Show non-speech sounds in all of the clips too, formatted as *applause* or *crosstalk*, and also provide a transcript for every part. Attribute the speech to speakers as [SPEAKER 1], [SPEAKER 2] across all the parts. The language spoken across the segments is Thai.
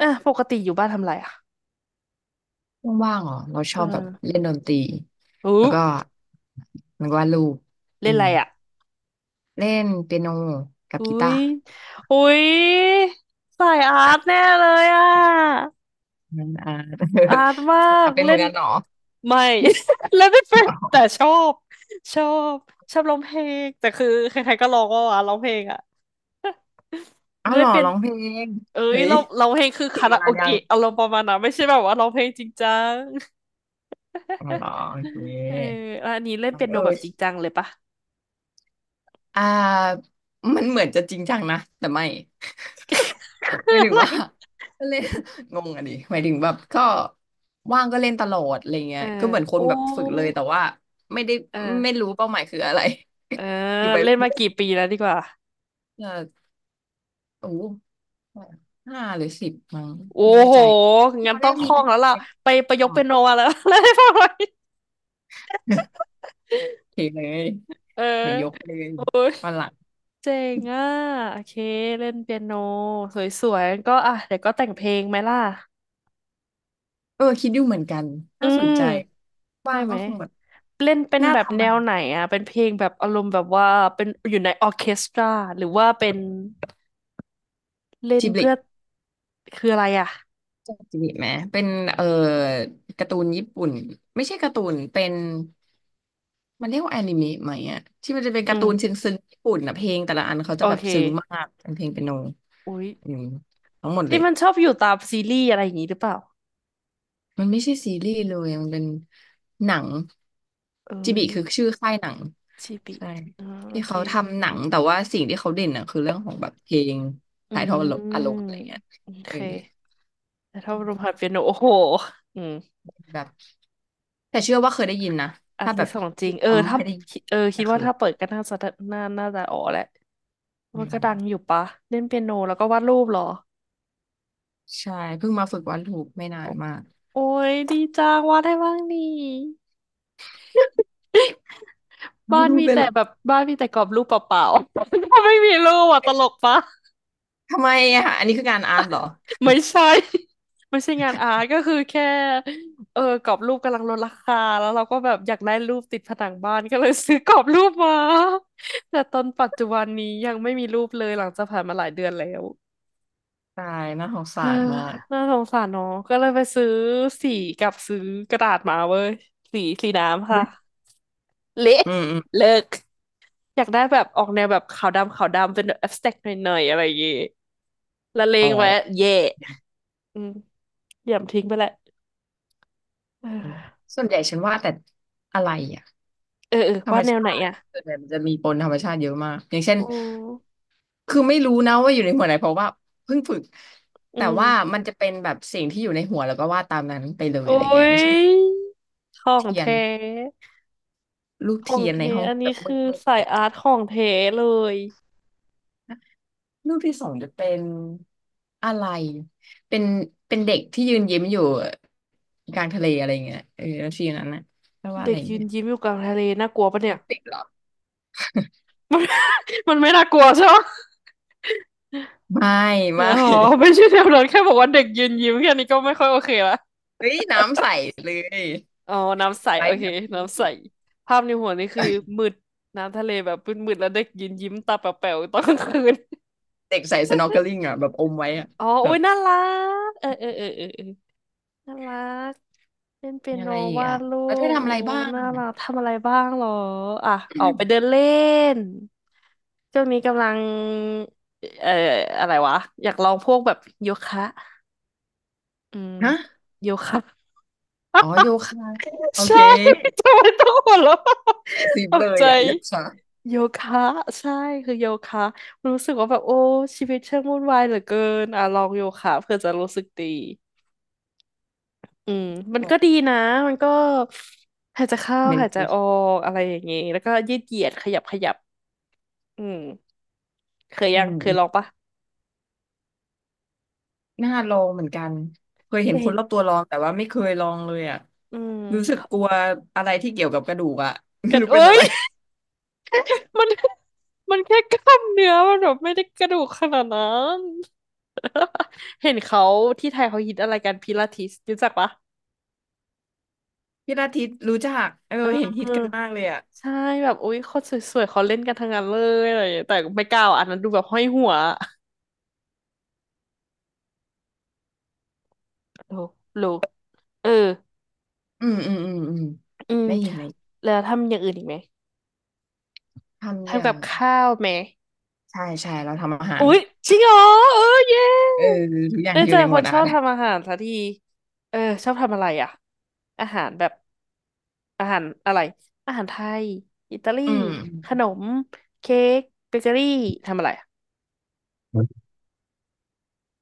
[SPEAKER 1] อ่ะปกติอยู่บ้านทำอะไรอ่ะ
[SPEAKER 2] ว่างๆเหรอ เราช
[SPEAKER 1] เ
[SPEAKER 2] อบแบบ
[SPEAKER 1] ออ
[SPEAKER 2] เล่นดนตรี
[SPEAKER 1] อู้
[SPEAKER 2] แล้วก็มันวาดรูป
[SPEAKER 1] เล่
[SPEAKER 2] อื
[SPEAKER 1] นอะ
[SPEAKER 2] ม
[SPEAKER 1] ไรอ่ะ
[SPEAKER 2] เล่นเปียโนกับ
[SPEAKER 1] อุ้
[SPEAKER 2] กีตา
[SPEAKER 1] ย
[SPEAKER 2] ร์
[SPEAKER 1] อุ้ยสายอาร์ตแน่เลยอ่ะ
[SPEAKER 2] นั่นอ่า
[SPEAKER 1] อาร์ตมา
[SPEAKER 2] *laughs*
[SPEAKER 1] ก
[SPEAKER 2] อ่ะเป็นเห
[SPEAKER 1] เล่
[SPEAKER 2] มือน
[SPEAKER 1] น
[SPEAKER 2] กันเหรอ
[SPEAKER 1] ไม่ *laughs* เล่นไม่เป็น
[SPEAKER 2] อ๋
[SPEAKER 1] แต่
[SPEAKER 2] อ
[SPEAKER 1] ชอบชอบชอบร้องเพลงแต่คือใครๆก็ร้องว่าอ่ะร้องเพลงอ่ะ
[SPEAKER 2] อ้าว
[SPEAKER 1] เล่
[SPEAKER 2] เหร
[SPEAKER 1] น
[SPEAKER 2] อ
[SPEAKER 1] เป็น
[SPEAKER 2] ร้องเพลง
[SPEAKER 1] เอ้ย
[SPEAKER 2] เฮ้ย
[SPEAKER 1] เราเพลงคือ
[SPEAKER 2] ฝึก
[SPEAKER 1] คารา
[SPEAKER 2] มา
[SPEAKER 1] โอ
[SPEAKER 2] นานยัง
[SPEAKER 1] เกะอารมณ์ประมาณนั้นไม่ใช่แบบว่าร้องเพลงจริงจัง
[SPEAKER 2] อ๋อเหร
[SPEAKER 1] *laughs*
[SPEAKER 2] อโอเ
[SPEAKER 1] เออ
[SPEAKER 2] ค
[SPEAKER 1] แล้วอันนี้เล่น
[SPEAKER 2] เ
[SPEAKER 1] เปียโน
[SPEAKER 2] ออ
[SPEAKER 1] แบบจริงจังเลยปะ
[SPEAKER 2] อ่ามันเหมือนจะจริงจังนะแต่ไม่
[SPEAKER 1] *laughs* คือ
[SPEAKER 2] หมาย
[SPEAKER 1] *laughs*
[SPEAKER 2] ถึ
[SPEAKER 1] อะ
[SPEAKER 2] ง
[SPEAKER 1] ไร
[SPEAKER 2] ว่า *laughs* ก็เล่น *laughs* งงอ่ะดิหมายถึงแบบก็ว่างก็เล่นตลอดอะไรเงี้
[SPEAKER 1] เอ
[SPEAKER 2] ย
[SPEAKER 1] อ
[SPEAKER 2] ก็เหมือนคน
[SPEAKER 1] โอ้
[SPEAKER 2] แบบฝึกเลยแต่ว่าไม่ได้ไม่
[SPEAKER 1] เออ
[SPEAKER 2] รู้เป้าหมายคืออะไร
[SPEAKER 1] เออ
[SPEAKER 2] *laughs* คือไป
[SPEAKER 1] เล่นมา
[SPEAKER 2] เรื่อย
[SPEAKER 1] กี่ปีแล้วดีกว่า
[SPEAKER 2] ๆเออโอ้โห5 หรือ 10มั้ง
[SPEAKER 1] โอ้
[SPEAKER 2] ไม่แน่
[SPEAKER 1] โห
[SPEAKER 2] ใจ
[SPEAKER 1] งั้
[SPEAKER 2] ต
[SPEAKER 1] น
[SPEAKER 2] อนแร
[SPEAKER 1] ต้อง
[SPEAKER 2] ก
[SPEAKER 1] ค
[SPEAKER 2] มี
[SPEAKER 1] ล่อ
[SPEAKER 2] เป็
[SPEAKER 1] ง
[SPEAKER 2] น
[SPEAKER 1] แล้วล่ะ
[SPEAKER 2] เด็ก
[SPEAKER 1] ไปประย
[SPEAKER 2] ก่
[SPEAKER 1] ก
[SPEAKER 2] อ
[SPEAKER 1] เป็
[SPEAKER 2] น
[SPEAKER 1] นโนมาแล้ว *laughs* เล่นให้ฟังหน่อย
[SPEAKER 2] *laughs* โอเคเลย
[SPEAKER 1] เออ
[SPEAKER 2] เดี๋ยวยกเลย
[SPEAKER 1] โอ้ย
[SPEAKER 2] วันหลัง
[SPEAKER 1] เจ๋งอ่ะโอเคเล่นเปียโนสวยๆก็อ่ะเดี๋ยวก็แต่งเพลงไหมล่ะ
[SPEAKER 2] เออคิดอยู่เหมือนกัน
[SPEAKER 1] อื
[SPEAKER 2] ถ้าสน
[SPEAKER 1] ม
[SPEAKER 2] ใจ
[SPEAKER 1] ใช่
[SPEAKER 2] ว่าง
[SPEAKER 1] ไห
[SPEAKER 2] ก็
[SPEAKER 1] ม
[SPEAKER 2] คงแบบ
[SPEAKER 1] เล่นเป็น
[SPEAKER 2] น่า
[SPEAKER 1] แบบ
[SPEAKER 2] ทำ
[SPEAKER 1] แน
[SPEAKER 2] มัน
[SPEAKER 1] วไหนอ่ะเป็นเพลงแบบอารมณ์แบบว่าเป็นอยู่ในออร์เคสตราหรือว่าเป็นเล่น
[SPEAKER 2] จิบลิ
[SPEAKER 1] เพื่อคืออะไรอ่ะ
[SPEAKER 2] จาจิไหมเป็นเอ่อการ์ตูนญี่ปุ่นไม่ใช่การ์ตูนเป็นมันเรียกว่าแอนิเมะไหมอะที่มันจะเป็น
[SPEAKER 1] อื
[SPEAKER 2] การ์ตูนซึ้
[SPEAKER 1] ม
[SPEAKER 2] งซึ้งญี่ปุ่นอะเพลงแต่ละอันเขา
[SPEAKER 1] โอ
[SPEAKER 2] จะแบบ
[SPEAKER 1] เค
[SPEAKER 2] ซึ้งมากเป็นเพลงเปียโน
[SPEAKER 1] อุ๊ย
[SPEAKER 2] อืมทั้งหมดเล
[SPEAKER 1] ที่
[SPEAKER 2] ย
[SPEAKER 1] มันชอบอยู่ตามซีรีส์อะไรอย่างนี้หรือเปล่า
[SPEAKER 2] มันไม่ใช่ซีรีส์เลยมันเป็นหนัง
[SPEAKER 1] เอ้
[SPEAKER 2] จิบิ
[SPEAKER 1] ย
[SPEAKER 2] คือชื่อค่ายหนัง
[SPEAKER 1] ชิบิ
[SPEAKER 2] ใช่
[SPEAKER 1] อ๋อโอ
[SPEAKER 2] ที่
[SPEAKER 1] เค
[SPEAKER 2] เขาทำหนังแต่ว่าสิ่งที่เขาเด่นอะคือเรื่องของแบบเพลง
[SPEAKER 1] อื
[SPEAKER 2] ถ่ายทอดอา
[SPEAKER 1] ม
[SPEAKER 2] รมณ์อะไรเงี้ย
[SPEAKER 1] โอเค
[SPEAKER 2] เออ
[SPEAKER 1] แต่ถ้าลมหัดเปียโนโอ้โหอืม
[SPEAKER 2] แบบ แต่เชื่อว่าเคยได้ยินนะ
[SPEAKER 1] อัน
[SPEAKER 2] ถ้าแบ
[SPEAKER 1] ที่
[SPEAKER 2] บ
[SPEAKER 1] สองจริง เออ
[SPEAKER 2] ทำ
[SPEAKER 1] ถ้า
[SPEAKER 2] ให้ได้ยิน
[SPEAKER 1] เออคิ
[SPEAKER 2] จะ
[SPEAKER 1] ด
[SPEAKER 2] เค
[SPEAKER 1] ว่า
[SPEAKER 2] ย
[SPEAKER 1] ถ้าเปิดก็น่าจะน่าจะอ๋อแหละ
[SPEAKER 2] อื
[SPEAKER 1] มันก็ดังอ
[SPEAKER 2] ม
[SPEAKER 1] ยู่ปะเล่นเปียโนแล้วก็วาดรูปเหรอ
[SPEAKER 2] ใช่เพิ่งมาฝึกวาดรูปไม่นา
[SPEAKER 1] โอ
[SPEAKER 2] นมาก
[SPEAKER 1] โอ้ยดีจังวาดได้บ้างนี่
[SPEAKER 2] *laughs*
[SPEAKER 1] *laughs*
[SPEAKER 2] วาด
[SPEAKER 1] บ้าน
[SPEAKER 2] รูป
[SPEAKER 1] มี
[SPEAKER 2] เป็น
[SPEAKER 1] แต่
[SPEAKER 2] เหรอ
[SPEAKER 1] แบบบ้านมีแต่กรอบรูปเปล่าๆ *laughs* ไม่มีรูปอ่ะตลกปะ
[SPEAKER 2] ทำไมอะอันนี้คืองานอาร์ตเหรอ
[SPEAKER 1] ไม่ใช่ *laughs* ไม่ใช่งานอาร์ตก็คือแค่เออกรอบรูปกำลังลดราคาแล้วเราก็แบบอยากได้รูปติดผนังบ้านก็เลยซื้อกรอบรูปมา *laughs* แต่ตอนปัจจุบันนี้ยังไม่มีรูปเลยหลังจากผ่านมาหลายเดือนแล้ว
[SPEAKER 2] ตายน่าสง
[SPEAKER 1] *sighs*
[SPEAKER 2] สา
[SPEAKER 1] เฮ้อ
[SPEAKER 2] รมาก
[SPEAKER 1] น่าสงสารเนาะก็เลยไปซื้อสีกับซื้อกระดาษมาเว้ยสีสีน้ำค่ะเละ
[SPEAKER 2] อืมอืม
[SPEAKER 1] เลิกอยากได้แบบออกแนวแบบขาวดำขาวดำเป็นแบบ abstract หน่อยๆอะไรอย่างงี้ละเล
[SPEAKER 2] อ๋อ
[SPEAKER 1] งไว้เย่อืมเหยี่ยมทิ้งไปแหละ *sighs*
[SPEAKER 2] อืม
[SPEAKER 1] เออ
[SPEAKER 2] ส่วนใหญ่ฉันวาดแต่อะไรอะ
[SPEAKER 1] เออเออ
[SPEAKER 2] ธร
[SPEAKER 1] วา
[SPEAKER 2] รม
[SPEAKER 1] ดแนวไหน
[SPEAKER 2] ชาติ
[SPEAKER 1] อ่ะ
[SPEAKER 2] ส่วนใหญ่มันจะมีปนธรรมชาติเยอะมากอย่างเช่น
[SPEAKER 1] อืม
[SPEAKER 2] คือไม่รู้นะว่าอยู่ในหัวไหนเพราะว่าเพิ่งฝึก
[SPEAKER 1] อื
[SPEAKER 2] แต่
[SPEAKER 1] ม
[SPEAKER 2] ว่ามันจะเป็นแบบสิ่งที่อยู่ในหัวแล้วก็วาดตามนั้นไปเลย
[SPEAKER 1] โอ้
[SPEAKER 2] อะไรเงี้ยอย่างเช่น
[SPEAKER 1] ยของ
[SPEAKER 2] เทียน
[SPEAKER 1] แท้
[SPEAKER 2] รูป
[SPEAKER 1] ขอ
[SPEAKER 2] เที
[SPEAKER 1] ง
[SPEAKER 2] ยนใน
[SPEAKER 1] แท้
[SPEAKER 2] ห้อง
[SPEAKER 1] อัน
[SPEAKER 2] แบ
[SPEAKER 1] นี้
[SPEAKER 2] บมื
[SPEAKER 1] คือ
[SPEAKER 2] ด
[SPEAKER 1] สายอาร์ตของแท้เลย
[SPEAKER 2] รูปที่สองจะเป็นอะไร เป็นเป็นเด็กที่ยืนยิ้มอยู่กลางทะเลอะไรอย่างเงี้ยเออแล้วทีนั้นนะแปลว่าอะ
[SPEAKER 1] เด็
[SPEAKER 2] ไร
[SPEAKER 1] กยืน
[SPEAKER 2] เงี้ย
[SPEAKER 1] ยิ้มอยู่กลางทะเลน่ากลัวปะเนี่ย
[SPEAKER 2] ติดหรอ
[SPEAKER 1] มัน *laughs* มันไม่น่ากลัวใช่ไหม
[SPEAKER 2] ไม่
[SPEAKER 1] อ๋อ
[SPEAKER 2] ไม่
[SPEAKER 1] ไม่ใช่แนวนั้นแค่บอกว่าเด็กยืนยิ้มแค่นี้ก็ไม่ค่อยโอเคละ
[SPEAKER 2] เฮ้ยน้ำใสเลย
[SPEAKER 1] อ๋อน้ำใส
[SPEAKER 2] ไล
[SPEAKER 1] โอ
[SPEAKER 2] ฟ์
[SPEAKER 1] เค
[SPEAKER 2] แฮปปี้
[SPEAKER 1] น้ำใสภาพในหัวนี่คือมืดน้ำทะเลแบบมืดๆแล้วเด็กยืนยิ้มตาแป๋วๆตอนกลางคืน
[SPEAKER 2] เด็กใส่สน็อกเกิลิ่งอ่ะแบบอมไว้อ่ะ
[SPEAKER 1] อ๋อ
[SPEAKER 2] แบ
[SPEAKER 1] โอ้
[SPEAKER 2] บ
[SPEAKER 1] ยน่ารัก เออเออเออเออเออ น่ารักเล่นเปีย
[SPEAKER 2] มี
[SPEAKER 1] โน
[SPEAKER 2] อะไรอีก
[SPEAKER 1] วา
[SPEAKER 2] อ่ะ
[SPEAKER 1] ดรู
[SPEAKER 2] แล้วเธอ
[SPEAKER 1] ป
[SPEAKER 2] ทำ
[SPEAKER 1] โอ้
[SPEAKER 2] อะไรบ้า
[SPEAKER 1] น่า
[SPEAKER 2] ง
[SPEAKER 1] รักทำอะไรบ้างเหรออ่ะออกไปเดินเล่นช่วงนี้กำลังเอ่ออะไรวะอยากลองพวกแบบโยคะอืม
[SPEAKER 2] *coughs* ฮะ
[SPEAKER 1] โยคะ
[SPEAKER 2] อ๋อโยคะ
[SPEAKER 1] *laughs*
[SPEAKER 2] โอ
[SPEAKER 1] ใช่
[SPEAKER 2] เค
[SPEAKER 1] *laughs* ทำไมต้องหัวเราะ
[SPEAKER 2] สิบ
[SPEAKER 1] ต
[SPEAKER 2] เล
[SPEAKER 1] ก
[SPEAKER 2] ย
[SPEAKER 1] ใจ
[SPEAKER 2] อ่ะโยคะ
[SPEAKER 1] โยคะใช่คือโยคะรู้สึกว่าแบบโอ้ชีวิตช่างวุ่นวายเหลือเกินอ่ะลองโยคะเพื่อจะรู้สึกดี อืมมันก็ดีนะมันก็หายใจเข้า
[SPEAKER 2] เม
[SPEAKER 1] หา
[SPEAKER 2] ดิ
[SPEAKER 1] ย
[SPEAKER 2] เท
[SPEAKER 1] ใจออ
[SPEAKER 2] ชื
[SPEAKER 1] กอะไรอย่างงี้แล้วก็ยืดเหยียดขยับขยับอืมเคย
[SPEAKER 2] มอื
[SPEAKER 1] ยังเคย
[SPEAKER 2] ม
[SPEAKER 1] ลองปะ
[SPEAKER 2] น่าลองเหมือนกันเคยเห็นค
[SPEAKER 1] เห็
[SPEAKER 2] น
[SPEAKER 1] น
[SPEAKER 2] รอบตัวลองแต่ว่าไม่เคยลองเลยอ่ะ
[SPEAKER 1] อืม
[SPEAKER 2] รู้สึกกลัวอะไรที่เกี่ยวกับกระดูกอ่ะ *laughs* ไม่
[SPEAKER 1] กัด
[SPEAKER 2] รู้เป็น
[SPEAKER 1] เอ้
[SPEAKER 2] อะ
[SPEAKER 1] ย
[SPEAKER 2] ไร
[SPEAKER 1] *laughs* มันมันแค่กล้ามเนื้อมันแบบไม่ได้กระดูกขนาดนั้น *laughs* เห็นเขาที่ไทยเขาฮิตอะไรกันพิลาทิสรู้จักปะ
[SPEAKER 2] พิลาทิสรู้จักเออ
[SPEAKER 1] เอ
[SPEAKER 2] เห็
[SPEAKER 1] อ
[SPEAKER 2] นฮิตกันมากเลยอ่ะ
[SPEAKER 1] ใช่แบบอุ๊ยคนสวยๆเขาเล่นกันทั้งนั้นเลยอะไรอย่างเงี้ยแต่ไม่กล้าอ่ะอันนั้นดูแบบห้อยหัวรู้รู้เออ
[SPEAKER 2] อืมอืมอืมอืม
[SPEAKER 1] อืม
[SPEAKER 2] ได้ยินไหม
[SPEAKER 1] แล้วทำอย่างอื่นอีกไหม
[SPEAKER 2] ทำอ
[SPEAKER 1] ทำ
[SPEAKER 2] ย่า
[SPEAKER 1] กั
[SPEAKER 2] ง
[SPEAKER 1] บข้าวไหม
[SPEAKER 2] ใช่ใช่เราทำอาหาร
[SPEAKER 1] อุ๊ยจริงเหรอเออเย้
[SPEAKER 2] เออทุกอย่าง
[SPEAKER 1] ได้
[SPEAKER 2] ที่อ
[SPEAKER 1] เจ
[SPEAKER 2] ยู่
[SPEAKER 1] อ
[SPEAKER 2] ในห
[SPEAKER 1] ค
[SPEAKER 2] มว
[SPEAKER 1] น
[SPEAKER 2] ด
[SPEAKER 1] ช
[SPEAKER 2] อา
[SPEAKER 1] อ
[SPEAKER 2] ร์
[SPEAKER 1] บ
[SPEAKER 2] ต *laughs*
[SPEAKER 1] ทำอาหารสักทีเออชอบทำอะไรอ่ะอาหารแบบอาหารอะไรอาหารไทยอิตาลี
[SPEAKER 2] อื
[SPEAKER 1] ข
[SPEAKER 2] ม
[SPEAKER 1] นมเค้กเบเกอรี่ทำอะไรอะ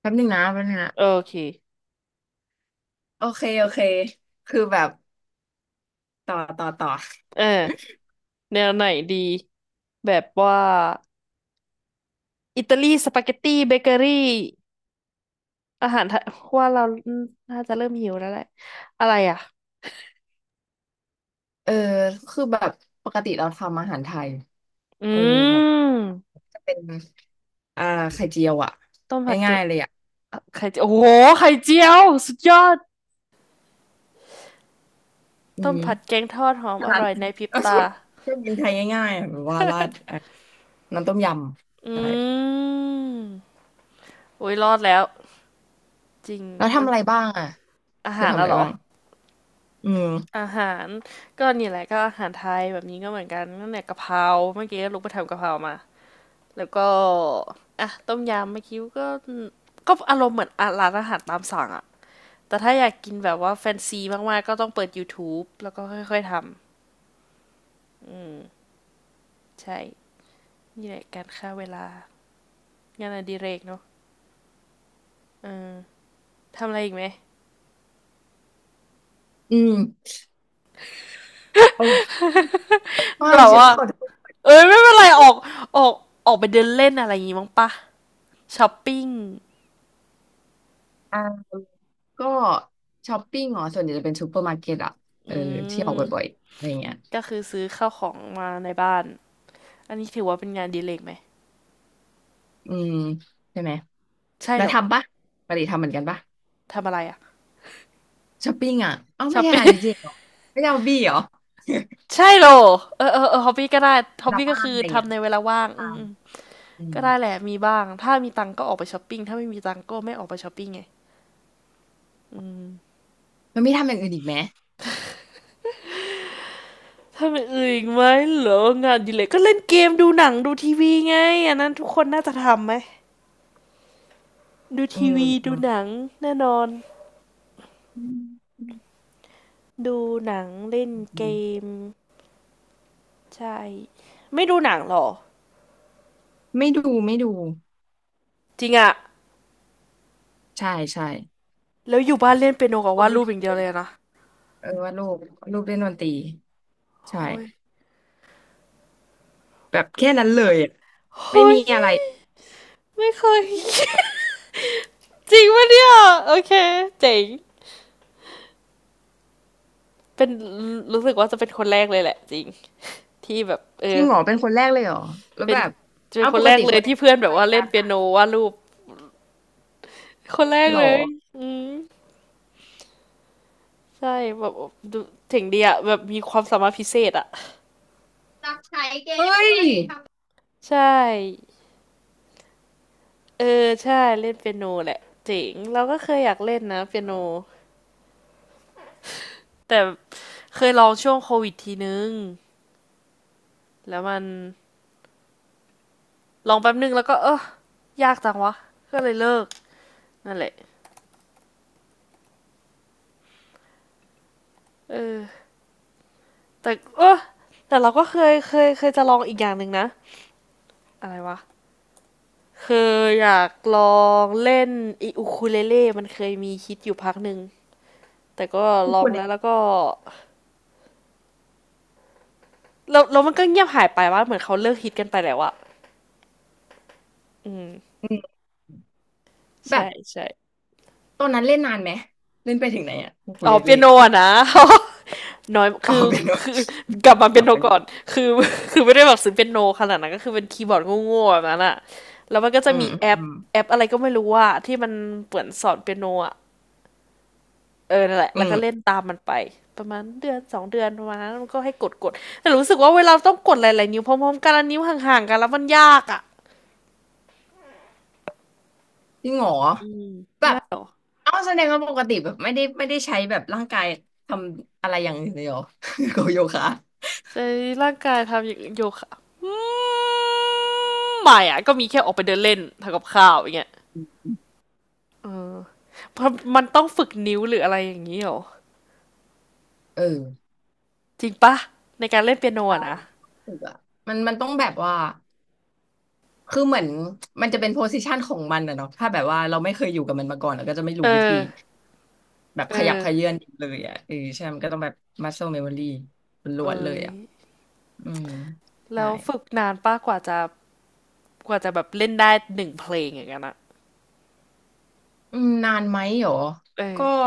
[SPEAKER 2] แป๊บนึงนะแป๊บนึงนะ
[SPEAKER 1] โอเค
[SPEAKER 2] โอเคโอเคคือแบบต่อต่อต่อ
[SPEAKER 1] เออแนวไหนดีแบบว่าอิตาลีสปาเกตตี้เบเกอรี่อาหารไทยว่าเราน่าจะเริ่มหิวแล้วแหละอะไรอ่ะ
[SPEAKER 2] *laughs* เออคือแบบปกติเราทำอาหารไทย
[SPEAKER 1] อื
[SPEAKER 2] เออแบบ
[SPEAKER 1] ม
[SPEAKER 2] จะเป็น อ่าไข่เจียวอ่ะ
[SPEAKER 1] ต้มผัดแก
[SPEAKER 2] ง่าย
[SPEAKER 1] ง
[SPEAKER 2] ๆเลยอ่ะ
[SPEAKER 1] ไข่เจียวโอ้โหไข่เจียวสุดยอด
[SPEAKER 2] อื
[SPEAKER 1] ต้ม
[SPEAKER 2] ม
[SPEAKER 1] ผัดแกงทอดหอม
[SPEAKER 2] แค่
[SPEAKER 1] อ
[SPEAKER 2] นั้น
[SPEAKER 1] ร่อยในพริ
[SPEAKER 2] *laughs*
[SPEAKER 1] บ
[SPEAKER 2] ก็ชอ
[SPEAKER 1] ตา
[SPEAKER 2] บชอบกินไทยง่ายๆอะแบบว่าราดอ่ะน้ำต้มย
[SPEAKER 1] อ
[SPEAKER 2] ำใช่
[SPEAKER 1] ืมโอ้ยรอดแล้วจริง
[SPEAKER 2] แล้ว
[SPEAKER 1] มัน
[SPEAKER 2] ทำอะไรบ้างอ่ะ
[SPEAKER 1] อา
[SPEAKER 2] เธอ
[SPEAKER 1] หาร
[SPEAKER 2] ทำอะ
[SPEAKER 1] อะ
[SPEAKER 2] ไร
[SPEAKER 1] เหรอ
[SPEAKER 2] บ้างอืม
[SPEAKER 1] อาหาร ก็นี่แหละก็อาหารไทยแบบนี้ก็เหมือนกันนั่นแหละกะเพราเมื่อกี้ลุกไปทำกะเพรามา แล้วก็ อ่ะต้มยำเมื่อกี้ก็ ก็อารมณ์เหมือนอร้านอาหารตามสั่งอะแต่ถ้าอยากกินแบบว่าแฟนซีมากๆก็ต้องเปิด YouTube แล้วก็ค่อยๆทำอืมใช่นี่แหละการฆ่าเวลางานอดิเรกเนาะ เออทำอะไรอีกไหม
[SPEAKER 2] อืมโอ้ไม่
[SPEAKER 1] แบบ
[SPEAKER 2] ฉัน
[SPEAKER 1] ว่า
[SPEAKER 2] ขอโทษ
[SPEAKER 1] เอ้ยไม่เป็นไรออกออกออกไปเดินเล่นอะไรอย่างงี้มั้งปะช้อปปิ้ง
[SPEAKER 2] อ่าก็ช้อปปิ้งเหรอส่วนใหญ่จะเป็นซูเปอร์มาร์เก็ตอ่ะ
[SPEAKER 1] อื
[SPEAKER 2] เออเที่ยวบ่อย
[SPEAKER 1] ม
[SPEAKER 2] ๆอะไรเงี้ย
[SPEAKER 1] ก็คือซื้อข้าวของมาในบ้านอันนี้ถือว่าเป็นงานอดีเลกไหม
[SPEAKER 2] อืมใช่ไหม
[SPEAKER 1] ใช่
[SPEAKER 2] แล้ว
[SPEAKER 1] เหรอ
[SPEAKER 2] ทำปะปกติทำเหมือนกันปะ
[SPEAKER 1] ทำอะไรอะ
[SPEAKER 2] ช้อปปิ้งอ่ะเอ้า
[SPEAKER 1] ช้
[SPEAKER 2] ไม่
[SPEAKER 1] อป
[SPEAKER 2] ใช่
[SPEAKER 1] ปิ้ง
[SPEAKER 2] อาร์ดีเจเหรอไม่ใช่บอบบี้เหรอ
[SPEAKER 1] *laughs*
[SPEAKER 2] *laughs*
[SPEAKER 1] ใช่เหรอเออฮอบบี้ก็ได้ฮ
[SPEAKER 2] เว
[SPEAKER 1] อบ
[SPEAKER 2] ลา
[SPEAKER 1] บี้ก็
[SPEAKER 2] บ้าน
[SPEAKER 1] คือ
[SPEAKER 2] อะไรเงี้ย
[SPEAKER 1] ทำในเวลาว่าง
[SPEAKER 2] ท
[SPEAKER 1] อืมอืม
[SPEAKER 2] ำอืม
[SPEAKER 1] ก็ได้แหละมีบ้างถ้ามีตังค์ก็ออกไปช้อปปิ้งถ้าไม่มีตังค์ก็ไม่ออกไปช้อปปิ้งไงอืม
[SPEAKER 2] มันไม่ทำอย่างอื่นอีกไหม
[SPEAKER 1] ทำอย่างอื่นอีกไหมเหรองานอดีเลกก็เล่นเกมดูหนังดูทีวีไงอันนั้นทุกคนน่าจะทำไหม ดู
[SPEAKER 2] อื
[SPEAKER 1] ที
[SPEAKER 2] ม
[SPEAKER 1] วี
[SPEAKER 2] อื
[SPEAKER 1] ดู
[SPEAKER 2] ม
[SPEAKER 1] หนังแน่นอน
[SPEAKER 2] อืม
[SPEAKER 1] ดูหนังเล่นเก
[SPEAKER 2] อืม
[SPEAKER 1] มใช่ไม่ดูหนังหรอ
[SPEAKER 2] ไม่ดูไม่ดู
[SPEAKER 1] จริงอะ
[SPEAKER 2] ใช่ใช่
[SPEAKER 1] แล้วอยู่บ้านเล่นเปียโนกับ
[SPEAKER 2] ค
[SPEAKER 1] วา
[SPEAKER 2] น
[SPEAKER 1] ด
[SPEAKER 2] ไม่
[SPEAKER 1] รูป
[SPEAKER 2] ดู
[SPEAKER 1] อย่างเดี
[SPEAKER 2] เล
[SPEAKER 1] ยว
[SPEAKER 2] ย
[SPEAKER 1] เลยนะ
[SPEAKER 2] เออว่าดรูปรูปเล่นดนตรีใช่
[SPEAKER 1] เฮ้ย
[SPEAKER 2] แบบแค่นั้นเลยอะไม่
[SPEAKER 1] เฮ้
[SPEAKER 2] มี
[SPEAKER 1] ย
[SPEAKER 2] อะไร
[SPEAKER 1] ไม่เคย *laughs* จริงปะเนี่ยโอเคเจ๋งเป็นรู้สึกว่าจะเป็นคนแรกเลยแหละจริงที่แบบเอ
[SPEAKER 2] จ
[SPEAKER 1] อ
[SPEAKER 2] ริงเหรอเป็นคนแรกเลยเหรอแล้ว
[SPEAKER 1] เป็น
[SPEAKER 2] แบบ
[SPEAKER 1] เป็น
[SPEAKER 2] เอา
[SPEAKER 1] ค
[SPEAKER 2] ป
[SPEAKER 1] น
[SPEAKER 2] ก
[SPEAKER 1] แรก
[SPEAKER 2] ติ
[SPEAKER 1] เล
[SPEAKER 2] ค
[SPEAKER 1] ย
[SPEAKER 2] นใน
[SPEAKER 1] ที่เพื่อนแบ
[SPEAKER 2] ไป
[SPEAKER 1] บว่า
[SPEAKER 2] กั
[SPEAKER 1] เล่น
[SPEAKER 2] น
[SPEAKER 1] เปียโน
[SPEAKER 2] ค่ะ
[SPEAKER 1] วาดรูปคนแรก
[SPEAKER 2] หรอ
[SPEAKER 1] เลยอืมใช่แบบดูถึงดีอะแบบมีความสามารถพิเศษอะ
[SPEAKER 2] รับใช้เกมเฮ้มยอะ
[SPEAKER 1] ใช่ เออใช่เล่นเปียโนแหละเจ๋งเราก็เคยอยากเล่นนะเปียโนแต่เคยลองช่วงโควิดทีนึงแล้วมันลองแป๊บนึงแล้วก็เออยากจังวะก็เลยเลิกนั่นแหละเออแต่เออแต่เราก็เคยจะลองอีกอย่างหนึ่งนะอะไรวะเคยอยากลองเล่นอีอูคูเลเล่มันเคยมีฮิตอยู่พักหนึ่งแต่ก็
[SPEAKER 2] ุ
[SPEAKER 1] ล
[SPEAKER 2] ค
[SPEAKER 1] อง
[SPEAKER 2] นเล
[SPEAKER 1] แล้
[SPEAKER 2] น
[SPEAKER 1] วแล้วก็แล้วมันก็เงียบหายไปว่าเหมือนเขาเลิกฮิตกันไปแล้วอะอืม
[SPEAKER 2] อื่
[SPEAKER 1] ใช่
[SPEAKER 2] แบบ
[SPEAKER 1] ใช่
[SPEAKER 2] ตอนนั้นเล่นนานไหมเล่นไปถึงไหนอ่ะกุคู
[SPEAKER 1] อ๋อ
[SPEAKER 2] เลน
[SPEAKER 1] เปี
[SPEAKER 2] เล่
[SPEAKER 1] ยโนอะนะ *laughs* น้อย
[SPEAKER 2] อ๋อ
[SPEAKER 1] คือ
[SPEAKER 2] เป็นว่า
[SPEAKER 1] คือกลับมา
[SPEAKER 2] ต
[SPEAKER 1] เปี
[SPEAKER 2] อ
[SPEAKER 1] ย
[SPEAKER 2] บ
[SPEAKER 1] โน
[SPEAKER 2] เป็น
[SPEAKER 1] ก่อนคือ *laughs* คือไม่ได้แบบซื้อเปียโนขนาดนั้นก็คือเป็นคีย์บอร์ดโง่ๆแบบนั้นอะแล้วมันก็จะ
[SPEAKER 2] อืม
[SPEAKER 1] มี
[SPEAKER 2] อืม
[SPEAKER 1] แอ
[SPEAKER 2] อื
[SPEAKER 1] ป
[SPEAKER 2] ม
[SPEAKER 1] แอปอะไรก็ไม่รู้ว่าที่มันเปิดสอนเปียโนอะเออนั่นแหละ
[SPEAKER 2] อื
[SPEAKER 1] แล้วก็เล่น
[SPEAKER 2] ม
[SPEAKER 1] ตามมันไปประมาณเดือนสองเดือนประมาณนั้นมันก็ให้กดกดแต่รู้สึกว่าเวลาต้องกดหลายๆนิ้วพร้อมๆกันแล้วนิ้วห่างๆกันแล้วมันยากอะ
[SPEAKER 2] จริงเหรอ
[SPEAKER 1] อื
[SPEAKER 2] แบ
[SPEAKER 1] ม
[SPEAKER 2] บ เอ้าแสดงว่าปกติแบบไม่ได้ใช้แบบร่างกายทำอะไรอย่างอื่นเลยเหรอ *laughs* กับโยคะ
[SPEAKER 1] ใช้ร่างกายทำโยคะอืมไม่อะก็มีแค่ออกไปเดินเล่นทำกับข้าวอย่างเงี้ย เออเพราะมันต้องฝึกนิ้วหรืออะไรอย่างนี้เหรอ
[SPEAKER 2] เออ
[SPEAKER 1] จริงปะในการเล่นเปียโน
[SPEAKER 2] ใช่
[SPEAKER 1] อะนะ
[SPEAKER 2] ถูกอะมันต้องแบบว่าคือเหมือนมันจะเป็นโพซิชันของมันอะเนาะถ้าแบบว่าเราไม่เคยอยู่กับมันมาก่อนเราก็จะไม่
[SPEAKER 1] เอ
[SPEAKER 2] รู้วิธี
[SPEAKER 1] อ
[SPEAKER 2] แบบ
[SPEAKER 1] เ
[SPEAKER 2] ขยับเขยื้
[SPEAKER 1] ออ
[SPEAKER 2] อนเลยอะเออใช่มันก็ต้องแบบ muscle memory ล้วนๆเล
[SPEAKER 1] เอ้
[SPEAKER 2] ย
[SPEAKER 1] ย
[SPEAKER 2] อะอืมใช่
[SPEAKER 1] แล้วฝึกนานปะกว่าจะกว่าจะแบบเล่นได้หนึ่งเพลงอย่างนั้นอะ
[SPEAKER 2] อืมนานไหมเหรอก็
[SPEAKER 1] เออ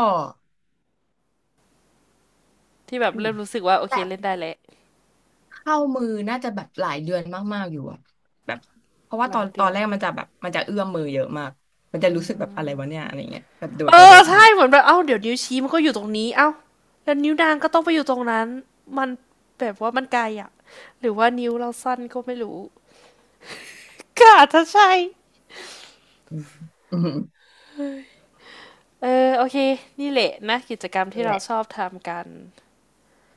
[SPEAKER 1] ที่แบบ
[SPEAKER 2] อยู่
[SPEAKER 1] เริ่มรู้สึกว่าโอ
[SPEAKER 2] แบ
[SPEAKER 1] เค
[SPEAKER 2] บ
[SPEAKER 1] เล่นได้แล้ว
[SPEAKER 2] เข้ามือน่าจะแบบหลายเดือนมาก ๆ อยู่อะแบบเพราะว่า
[SPEAKER 1] ห
[SPEAKER 2] ต
[SPEAKER 1] ลา
[SPEAKER 2] อ
[SPEAKER 1] ย
[SPEAKER 2] นต
[SPEAKER 1] เดื
[SPEAKER 2] อน
[SPEAKER 1] อ
[SPEAKER 2] แร
[SPEAKER 1] น
[SPEAKER 2] กมันจะแบบมันจะเอื้อมมือเยอะมากมันจะรู้สึกแบบอะไรวะเนี่ยอะไรเงี้ยแบบโด
[SPEAKER 1] เอ
[SPEAKER 2] ดไปโด
[SPEAKER 1] อ
[SPEAKER 2] ดมา
[SPEAKER 1] ใช่เหมือนแบบเอ้าเดี๋ยวนิ้วชี้มันก็อยู่ตรงนี้ เอ้าแล้วนิ้วนางก็ต้องไปอยู่ตรงนั้นมันแบบว่ามันไกลอะหรือว่านิ้วเราสั้นก็ไม่รู้ก็อาจจะใช่
[SPEAKER 2] อืมอืม
[SPEAKER 1] เออโอเคนี่แหละนะกิจกรรม
[SPEAKER 2] นั่
[SPEAKER 1] ที่
[SPEAKER 2] นแห
[SPEAKER 1] เรา
[SPEAKER 2] ละ
[SPEAKER 1] ชอบทำกัน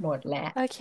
[SPEAKER 2] หมดแล้ว
[SPEAKER 1] โอเค